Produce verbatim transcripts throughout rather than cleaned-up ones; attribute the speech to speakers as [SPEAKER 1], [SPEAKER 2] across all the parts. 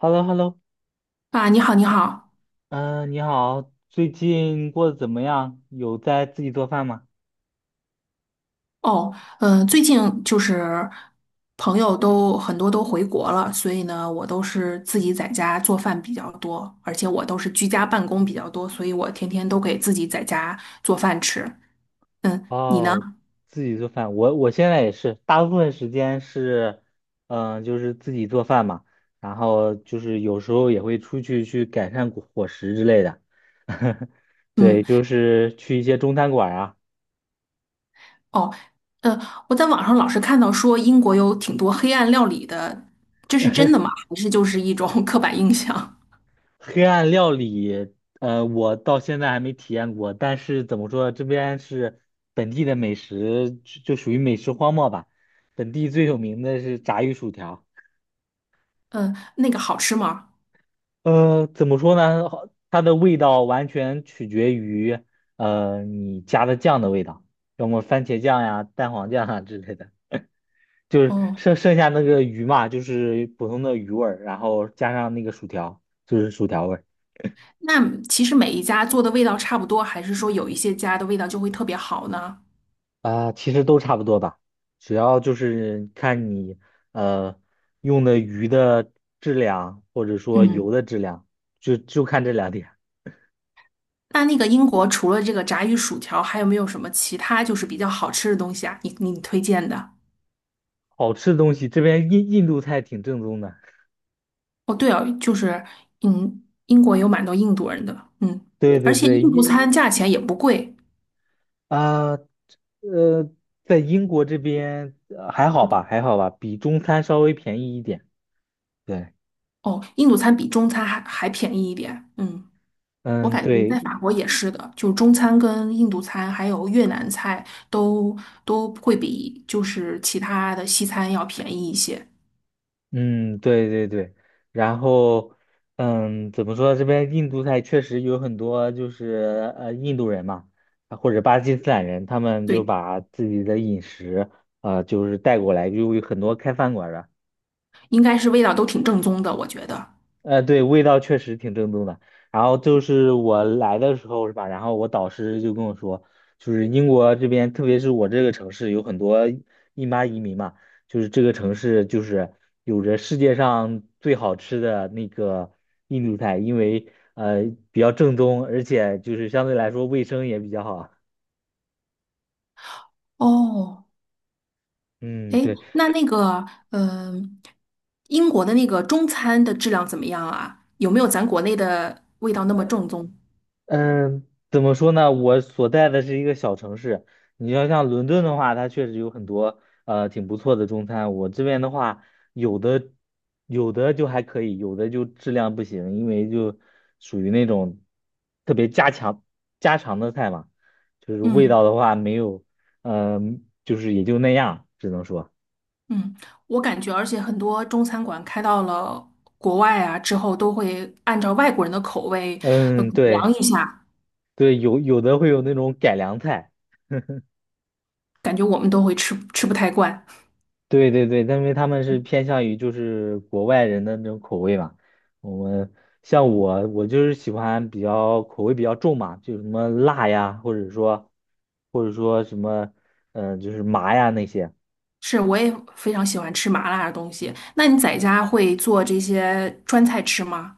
[SPEAKER 1] h e l l o h e l l o
[SPEAKER 2] 啊，你好，你好。
[SPEAKER 1] 嗯，你好，最近过得怎么样？有在自己做饭吗？
[SPEAKER 2] 哦，嗯，最近就是朋友都很多都回国了，所以呢，我都是自己在家做饭比较多，而且我都是居家办公比较多，所以我天天都给自己在家做饭吃。嗯，你呢？
[SPEAKER 1] 哦，自己做饭，我我现在也是，大部分时间是，嗯、就是自己做饭嘛，然后就是有时候也会出去去改善伙伙食之类的，
[SPEAKER 2] 嗯，
[SPEAKER 1] 对，就是去一些中餐馆啊。
[SPEAKER 2] 哦，呃，我在网上老是看到说英国有挺多黑暗料理的，这是真 的吗？还是就是一种 刻板印象？
[SPEAKER 1] 黑暗料理，呃，我到现在还没体验过，但是怎么说，这边是本地的美食，就就属于美食荒漠吧。本地最有名的是炸鱼薯条，
[SPEAKER 2] 嗯，那个好吃吗？
[SPEAKER 1] 呃，怎么说呢？好它的味道完全取决于，呃，你加的酱的味道，要么番茄酱呀、蛋黄酱啊之类的。就是
[SPEAKER 2] 哦。
[SPEAKER 1] 剩剩下那个鱼嘛，就是普通的鱼味儿，然后加上那个薯条，就是薯条味儿。
[SPEAKER 2] 那其实每一家做的味道差不多，还是说有一些家的味道就会特别好呢？
[SPEAKER 1] 啊，其实都差不多吧，主要就是看你呃用的鱼的质量，或者说
[SPEAKER 2] 嗯。
[SPEAKER 1] 油
[SPEAKER 2] 嗯
[SPEAKER 1] 的质量，就就看这两点。
[SPEAKER 2] 那那个英国除了这个炸鱼薯条，还有没有什么其他就是比较好吃的东西啊？你你推荐的？
[SPEAKER 1] 好吃的东西，这边印印度菜挺正宗的。
[SPEAKER 2] 哦，对哦，就是嗯，英国有蛮多印度人的，嗯，
[SPEAKER 1] 对
[SPEAKER 2] 而
[SPEAKER 1] 对
[SPEAKER 2] 且印
[SPEAKER 1] 对，
[SPEAKER 2] 度
[SPEAKER 1] 印
[SPEAKER 2] 餐价钱也不贵，
[SPEAKER 1] 啊呃，在英国这边呃还好吧，还好吧，比中餐稍微便宜一点。对，
[SPEAKER 2] 哦，印度餐比中餐还还便宜一点，嗯。我
[SPEAKER 1] 嗯，
[SPEAKER 2] 感觉在
[SPEAKER 1] 对，
[SPEAKER 2] 法国也是的，就中餐跟印度餐还有越南菜都都会比就是其他的西餐要便宜一些。
[SPEAKER 1] 嗯，对对对，然后，嗯，怎么说？这边印度菜确实有很多，就是呃，印度人嘛，啊或者巴基斯坦人，他们就
[SPEAKER 2] 对，
[SPEAKER 1] 把自己的饮食，呃，就是带过来，就有很多开饭馆儿的。
[SPEAKER 2] 应该是味道都挺正宗的，我觉得。
[SPEAKER 1] 呃，对，味道确实挺正宗的。然后就是我来的时候是吧？然后我导师就跟我说，就是英国这边，特别是我这个城市，有很多印巴移民嘛，就是这个城市就是有着世界上最好吃的那个印度菜，因为呃比较正宗，而且就是相对来说卫生也比较好啊。
[SPEAKER 2] 哦，
[SPEAKER 1] 嗯，
[SPEAKER 2] 哎，
[SPEAKER 1] 对。
[SPEAKER 2] 那那个，嗯、英国的那个中餐的质量怎么样啊？有没有咱国内的味道那么正宗？
[SPEAKER 1] 嗯，怎么说呢？我所在的是一个小城市，你要像伦敦的话，它确实有很多呃挺不错的中餐。我这边的话，有的有的就还可以，有的就质量不行，因为就属于那种特别家常家常的菜嘛，就是味道
[SPEAKER 2] 嗯
[SPEAKER 1] 的话没有，嗯、就是也就那样，只能说，
[SPEAKER 2] 嗯，我感觉，而且很多中餐馆开到了国外啊之后，都会按照外国人的口味呃改
[SPEAKER 1] 嗯，
[SPEAKER 2] 良
[SPEAKER 1] 对
[SPEAKER 2] 一下。
[SPEAKER 1] 对，有有的会有那种改良菜。
[SPEAKER 2] 感觉我们都会吃吃不太惯。
[SPEAKER 1] 对对对，但因为他们是偏向于就是国外人的那种口味嘛。我们像我，我就是喜欢比较口味比较重嘛，就什么辣呀，或者说或者说什么，嗯、就是麻呀那些。
[SPEAKER 2] 是，我也非常喜欢吃麻辣的东西。那你在家会做这些川菜吃吗？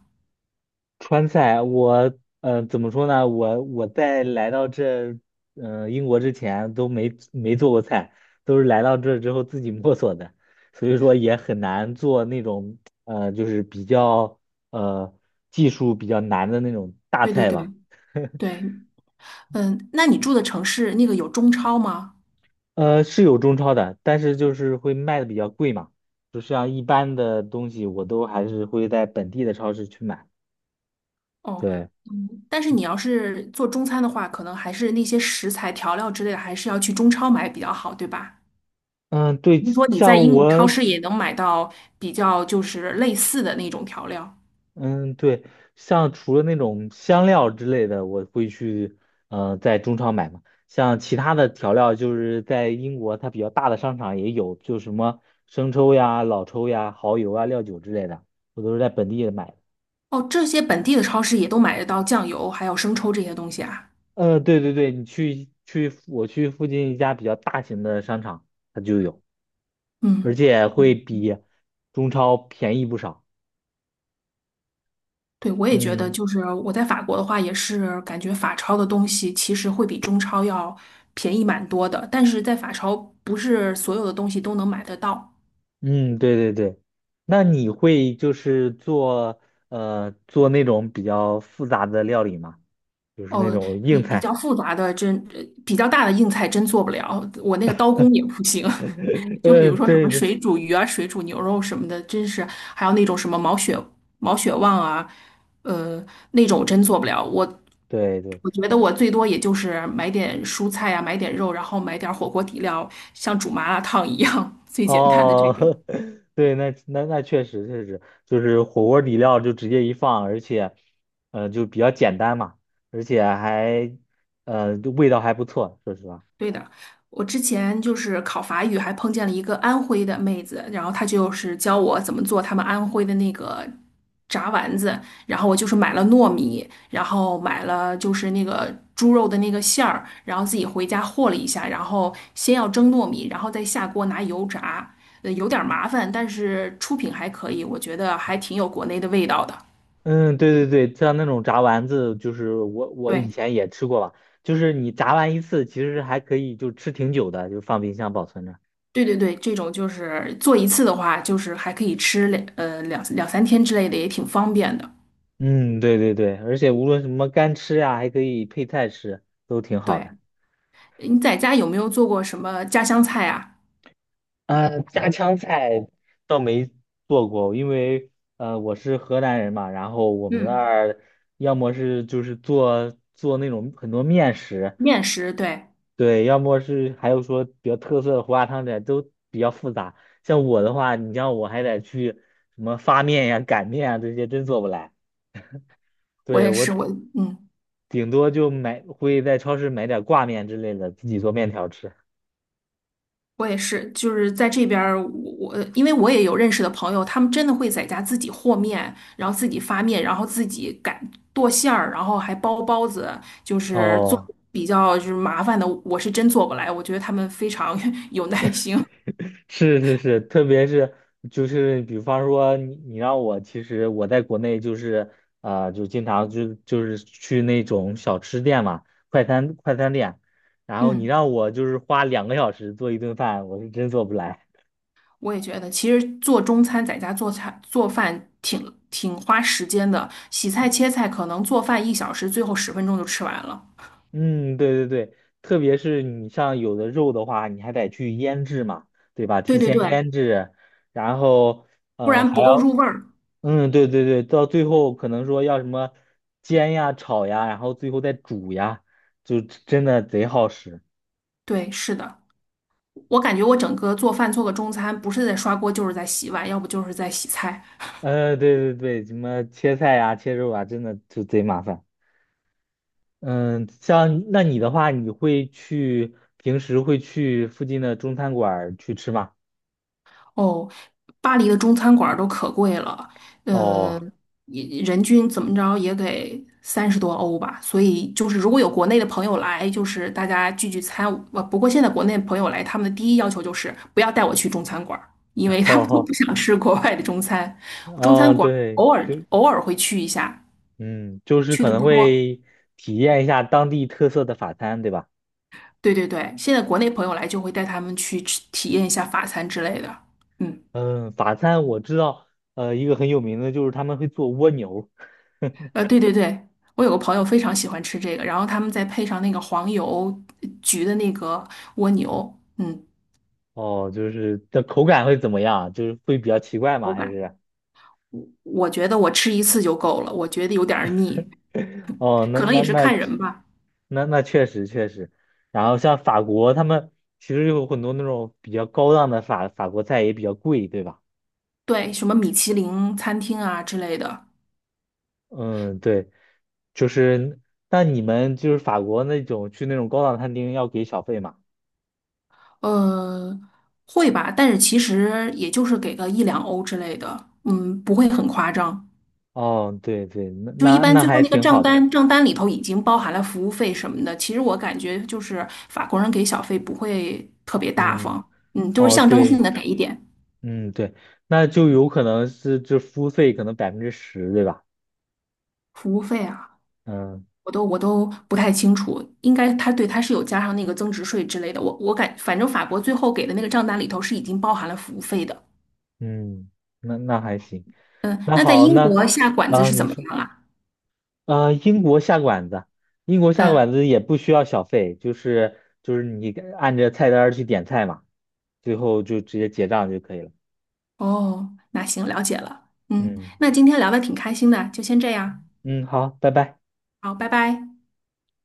[SPEAKER 1] 川菜，我呃怎么说呢？我我在来到这呃英国之前都没没做过菜，都是来到这之后自己摸索的，所以说也很难做那种呃就是比较呃技术比较难的那种大
[SPEAKER 2] 对对
[SPEAKER 1] 菜吧。
[SPEAKER 2] 对对，嗯，那你住的城市那个有中超吗？
[SPEAKER 1] 呃，是有中超的，但是就是会卖的比较贵嘛，就像一般的东西我都还是会在本地的超市去买。
[SPEAKER 2] 哦，
[SPEAKER 1] 对，
[SPEAKER 2] 嗯，但是你要是做中餐的话，可能还是那些食材、调料之类的，还是要去中超买比较好，对吧？
[SPEAKER 1] 嗯，对，
[SPEAKER 2] 听说你
[SPEAKER 1] 像
[SPEAKER 2] 在英国超
[SPEAKER 1] 我。
[SPEAKER 2] 市也能买到比较就是类似的那种调料
[SPEAKER 1] 嗯，对，像除了那种香料之类的，我会去呃在中超买嘛。像其他的调料，就是在英国它比较大的商场也有，就什么生抽呀、老抽呀、蚝油啊、料酒之类的，我都是在本地买的。
[SPEAKER 2] 哦，这些本地的超市也都买得到酱油还有生抽这些东西啊。
[SPEAKER 1] 呃，对对对，你去去我去附近一家比较大型的商场，它就有，而
[SPEAKER 2] 嗯。
[SPEAKER 1] 且会比中超便宜不少。
[SPEAKER 2] 对，我也觉得，
[SPEAKER 1] 嗯。
[SPEAKER 2] 就是我在法国的话，也是感觉法超的东西其实会比中超要便宜蛮多的，但是在法超不是所有的东西都能买得到。
[SPEAKER 1] 嗯，对对对，那你会就是做呃做那种比较复杂的料理吗？就是那
[SPEAKER 2] 哦，
[SPEAKER 1] 种
[SPEAKER 2] 比
[SPEAKER 1] 硬
[SPEAKER 2] 比
[SPEAKER 1] 菜。
[SPEAKER 2] 较复杂的真，呃比较大的硬菜真做不了，我那个刀工也不行。就比
[SPEAKER 1] 呃，
[SPEAKER 2] 如说什
[SPEAKER 1] 对
[SPEAKER 2] 么
[SPEAKER 1] 对
[SPEAKER 2] 水煮鱼啊、水煮牛肉什么的，真是还有那种什么毛血毛血旺啊，呃，那种我真做不了。我
[SPEAKER 1] 对对，
[SPEAKER 2] 我觉得我最多也就是买点蔬菜啊，买点肉，然后买点火锅底料，像煮麻辣烫一样最简单的这
[SPEAKER 1] 哦，
[SPEAKER 2] 种。
[SPEAKER 1] 对，那那那确实确实，就是火锅底料就直接一放，而且呃就比较简单嘛，而且还呃就味道还不错，说实话。
[SPEAKER 2] 对的，我之前就是考法语，还碰见了一个安徽的妹子，然后她就是教我怎么做他们安徽的那个炸丸子，然后我就是买了糯米，然后买了就是那个猪肉的那个馅儿，然后自己回家和了一下，然后先要蒸糯米，然后再下锅拿油炸，呃，有点儿麻烦，但是出品还可以，我觉得还挺有国内的味道的。
[SPEAKER 1] 嗯，对对对，像那种炸丸子，就是我我以
[SPEAKER 2] 对。
[SPEAKER 1] 前也吃过吧，就是你炸完一次，其实还可以就吃挺久的，就放冰箱保存着。
[SPEAKER 2] 对对对，这种就是做一次的话，就是还可以吃两呃两两三天之类的，也挺方便的。
[SPEAKER 1] 嗯，对对对，而且无论什么干吃呀、还可以配菜吃，都挺好
[SPEAKER 2] 对，
[SPEAKER 1] 的。
[SPEAKER 2] 你在家有没有做过什么家乡菜啊？
[SPEAKER 1] 啊，家常菜倒没做过，因为呃我是河南人嘛，然后我们那
[SPEAKER 2] 嗯，
[SPEAKER 1] 儿要么是就是做做那种很多面食，
[SPEAKER 2] 面食，对，
[SPEAKER 1] 对，要么是还有说比较特色的胡辣汤这都比较复杂。像我的话，你像我还得去什么发面呀、擀面啊这些，真做不来。
[SPEAKER 2] 我
[SPEAKER 1] 对，
[SPEAKER 2] 也是，
[SPEAKER 1] 我
[SPEAKER 2] 我嗯，
[SPEAKER 1] 顶多就买，会在超市买点挂面之类的，自己做面条吃。
[SPEAKER 2] 我也是，就是在这边儿，我我因为我也有认识的朋友，他们真的会在家自己和面，然后自己发面，然后自己擀剁馅儿，然后还包包子，就是做
[SPEAKER 1] 哦。
[SPEAKER 2] 比较就是麻烦的，我是真做不来，我觉得他们非常 有耐心。
[SPEAKER 1] 是是是，特别是就是比方说你你让我，其实我在国内就是啊、呃就经常就就是去那种小吃店嘛，快餐快餐店，然后你
[SPEAKER 2] 嗯。
[SPEAKER 1] 让我就是花两个小时做一顿饭，我是真做不来。
[SPEAKER 2] 我也觉得，其实做中餐在家做菜做饭挺挺花时间的，洗菜切菜可能做饭一小时，最后十分钟就吃完了。
[SPEAKER 1] 嗯，对对对，特别是你像有的肉的话，你还得去腌制嘛，对吧？
[SPEAKER 2] 对
[SPEAKER 1] 提
[SPEAKER 2] 对
[SPEAKER 1] 前
[SPEAKER 2] 对，
[SPEAKER 1] 腌制，然后
[SPEAKER 2] 不
[SPEAKER 1] 嗯、呃
[SPEAKER 2] 然
[SPEAKER 1] 还
[SPEAKER 2] 不够
[SPEAKER 1] 要。
[SPEAKER 2] 入味儿。
[SPEAKER 1] 嗯，对对对，到最后可能说要什么煎呀、炒呀，然后最后再煮呀，就真的贼耗时。
[SPEAKER 2] 对，是的，我感觉我整个做饭做个中餐，不是在刷锅就是在洗碗，要不就是在洗菜。
[SPEAKER 1] 呃，对对对，什么切菜呀、切肉啊，真的就贼麻烦。嗯，像那你的话，你会去平时会去附近的中餐馆儿去吃吗？
[SPEAKER 2] 哦，巴黎的中餐馆儿都可贵了，呃，
[SPEAKER 1] 哦，
[SPEAKER 2] 也人均怎么着也得三十多欧吧。所以就是如果有国内的朋友来，就是大家聚聚餐。呃，不过现在国内朋友来，他们的第一要求就是不要带我去中餐馆儿因 为他
[SPEAKER 1] 好
[SPEAKER 2] 们都
[SPEAKER 1] 好，
[SPEAKER 2] 不想吃国外的中餐。中餐
[SPEAKER 1] 哦，
[SPEAKER 2] 馆儿
[SPEAKER 1] 对，
[SPEAKER 2] 偶尔
[SPEAKER 1] 就
[SPEAKER 2] 偶尔会去一下，
[SPEAKER 1] 嗯，就是
[SPEAKER 2] 去
[SPEAKER 1] 可
[SPEAKER 2] 的
[SPEAKER 1] 能
[SPEAKER 2] 不多。
[SPEAKER 1] 会体验一下当地特色的法餐，对吧？
[SPEAKER 2] 对对对，现在国内朋友来就会带他们去吃体验一下法餐之类的。嗯。
[SPEAKER 1] 嗯，法餐我知道，呃，一个很有名的就是他们会做蜗牛，
[SPEAKER 2] 呃，对对对，我有个朋友非常喜欢吃这个，然后他们再配上那个黄油焗的那个蜗牛，嗯，
[SPEAKER 1] 哦，就是的口感会怎么样？就是会比较奇怪吗？
[SPEAKER 2] 口
[SPEAKER 1] 还
[SPEAKER 2] 感，
[SPEAKER 1] 是？
[SPEAKER 2] 我我觉得我吃一次就够了，我觉得有点儿腻，
[SPEAKER 1] 哦，那
[SPEAKER 2] 可能
[SPEAKER 1] 那
[SPEAKER 2] 也是
[SPEAKER 1] 那
[SPEAKER 2] 看人吧。
[SPEAKER 1] 那那确实确实。然后像法国，他们其实有很多那种比较高档的法法国菜也比较贵，对吧？
[SPEAKER 2] 对，什么米其林餐厅啊之类的，
[SPEAKER 1] 嗯，对，就是，那你们就是法国那种去那种高档餐厅要给小费吗？
[SPEAKER 2] 呃，会吧，但是其实也就是给个一两欧之类的，嗯，不会很夸张。
[SPEAKER 1] 哦，对对，那
[SPEAKER 2] 就一
[SPEAKER 1] 那
[SPEAKER 2] 般
[SPEAKER 1] 那
[SPEAKER 2] 最后
[SPEAKER 1] 还
[SPEAKER 2] 那个
[SPEAKER 1] 挺
[SPEAKER 2] 账
[SPEAKER 1] 好的。
[SPEAKER 2] 单，账单里头已经包含了服务费什么的。其实我感觉就是法国人给小费不会特别大
[SPEAKER 1] 嗯，
[SPEAKER 2] 方，嗯，就是
[SPEAKER 1] 哦，
[SPEAKER 2] 象征性
[SPEAKER 1] 对。
[SPEAKER 2] 的给一点
[SPEAKER 1] 嗯，对，那就有可能是这服务费可能百分之十，对吧？
[SPEAKER 2] 服务费啊，
[SPEAKER 1] 嗯
[SPEAKER 2] 我都我都不太清楚，应该他对他是有加上那个增值税之类的。我我感反正法国最后给的那个账单里头是已经包含了服务费的。
[SPEAKER 1] 嗯，那那还行。
[SPEAKER 2] 嗯，
[SPEAKER 1] 那
[SPEAKER 2] 那在
[SPEAKER 1] 好，
[SPEAKER 2] 英
[SPEAKER 1] 那
[SPEAKER 2] 国下馆子
[SPEAKER 1] 啊，
[SPEAKER 2] 是怎
[SPEAKER 1] 您
[SPEAKER 2] 么
[SPEAKER 1] 说
[SPEAKER 2] 样啊？
[SPEAKER 1] 啊，英国下馆子，英国下
[SPEAKER 2] 嗯，
[SPEAKER 1] 馆子也不需要小费，就是就是你按着菜单儿去点菜嘛，最后就直接结账就可以了。
[SPEAKER 2] 哦，那行，了解了。嗯，
[SPEAKER 1] 嗯
[SPEAKER 2] 那今天聊的挺开心的，就先这样，
[SPEAKER 1] 嗯，好，拜拜。
[SPEAKER 2] 好，拜拜。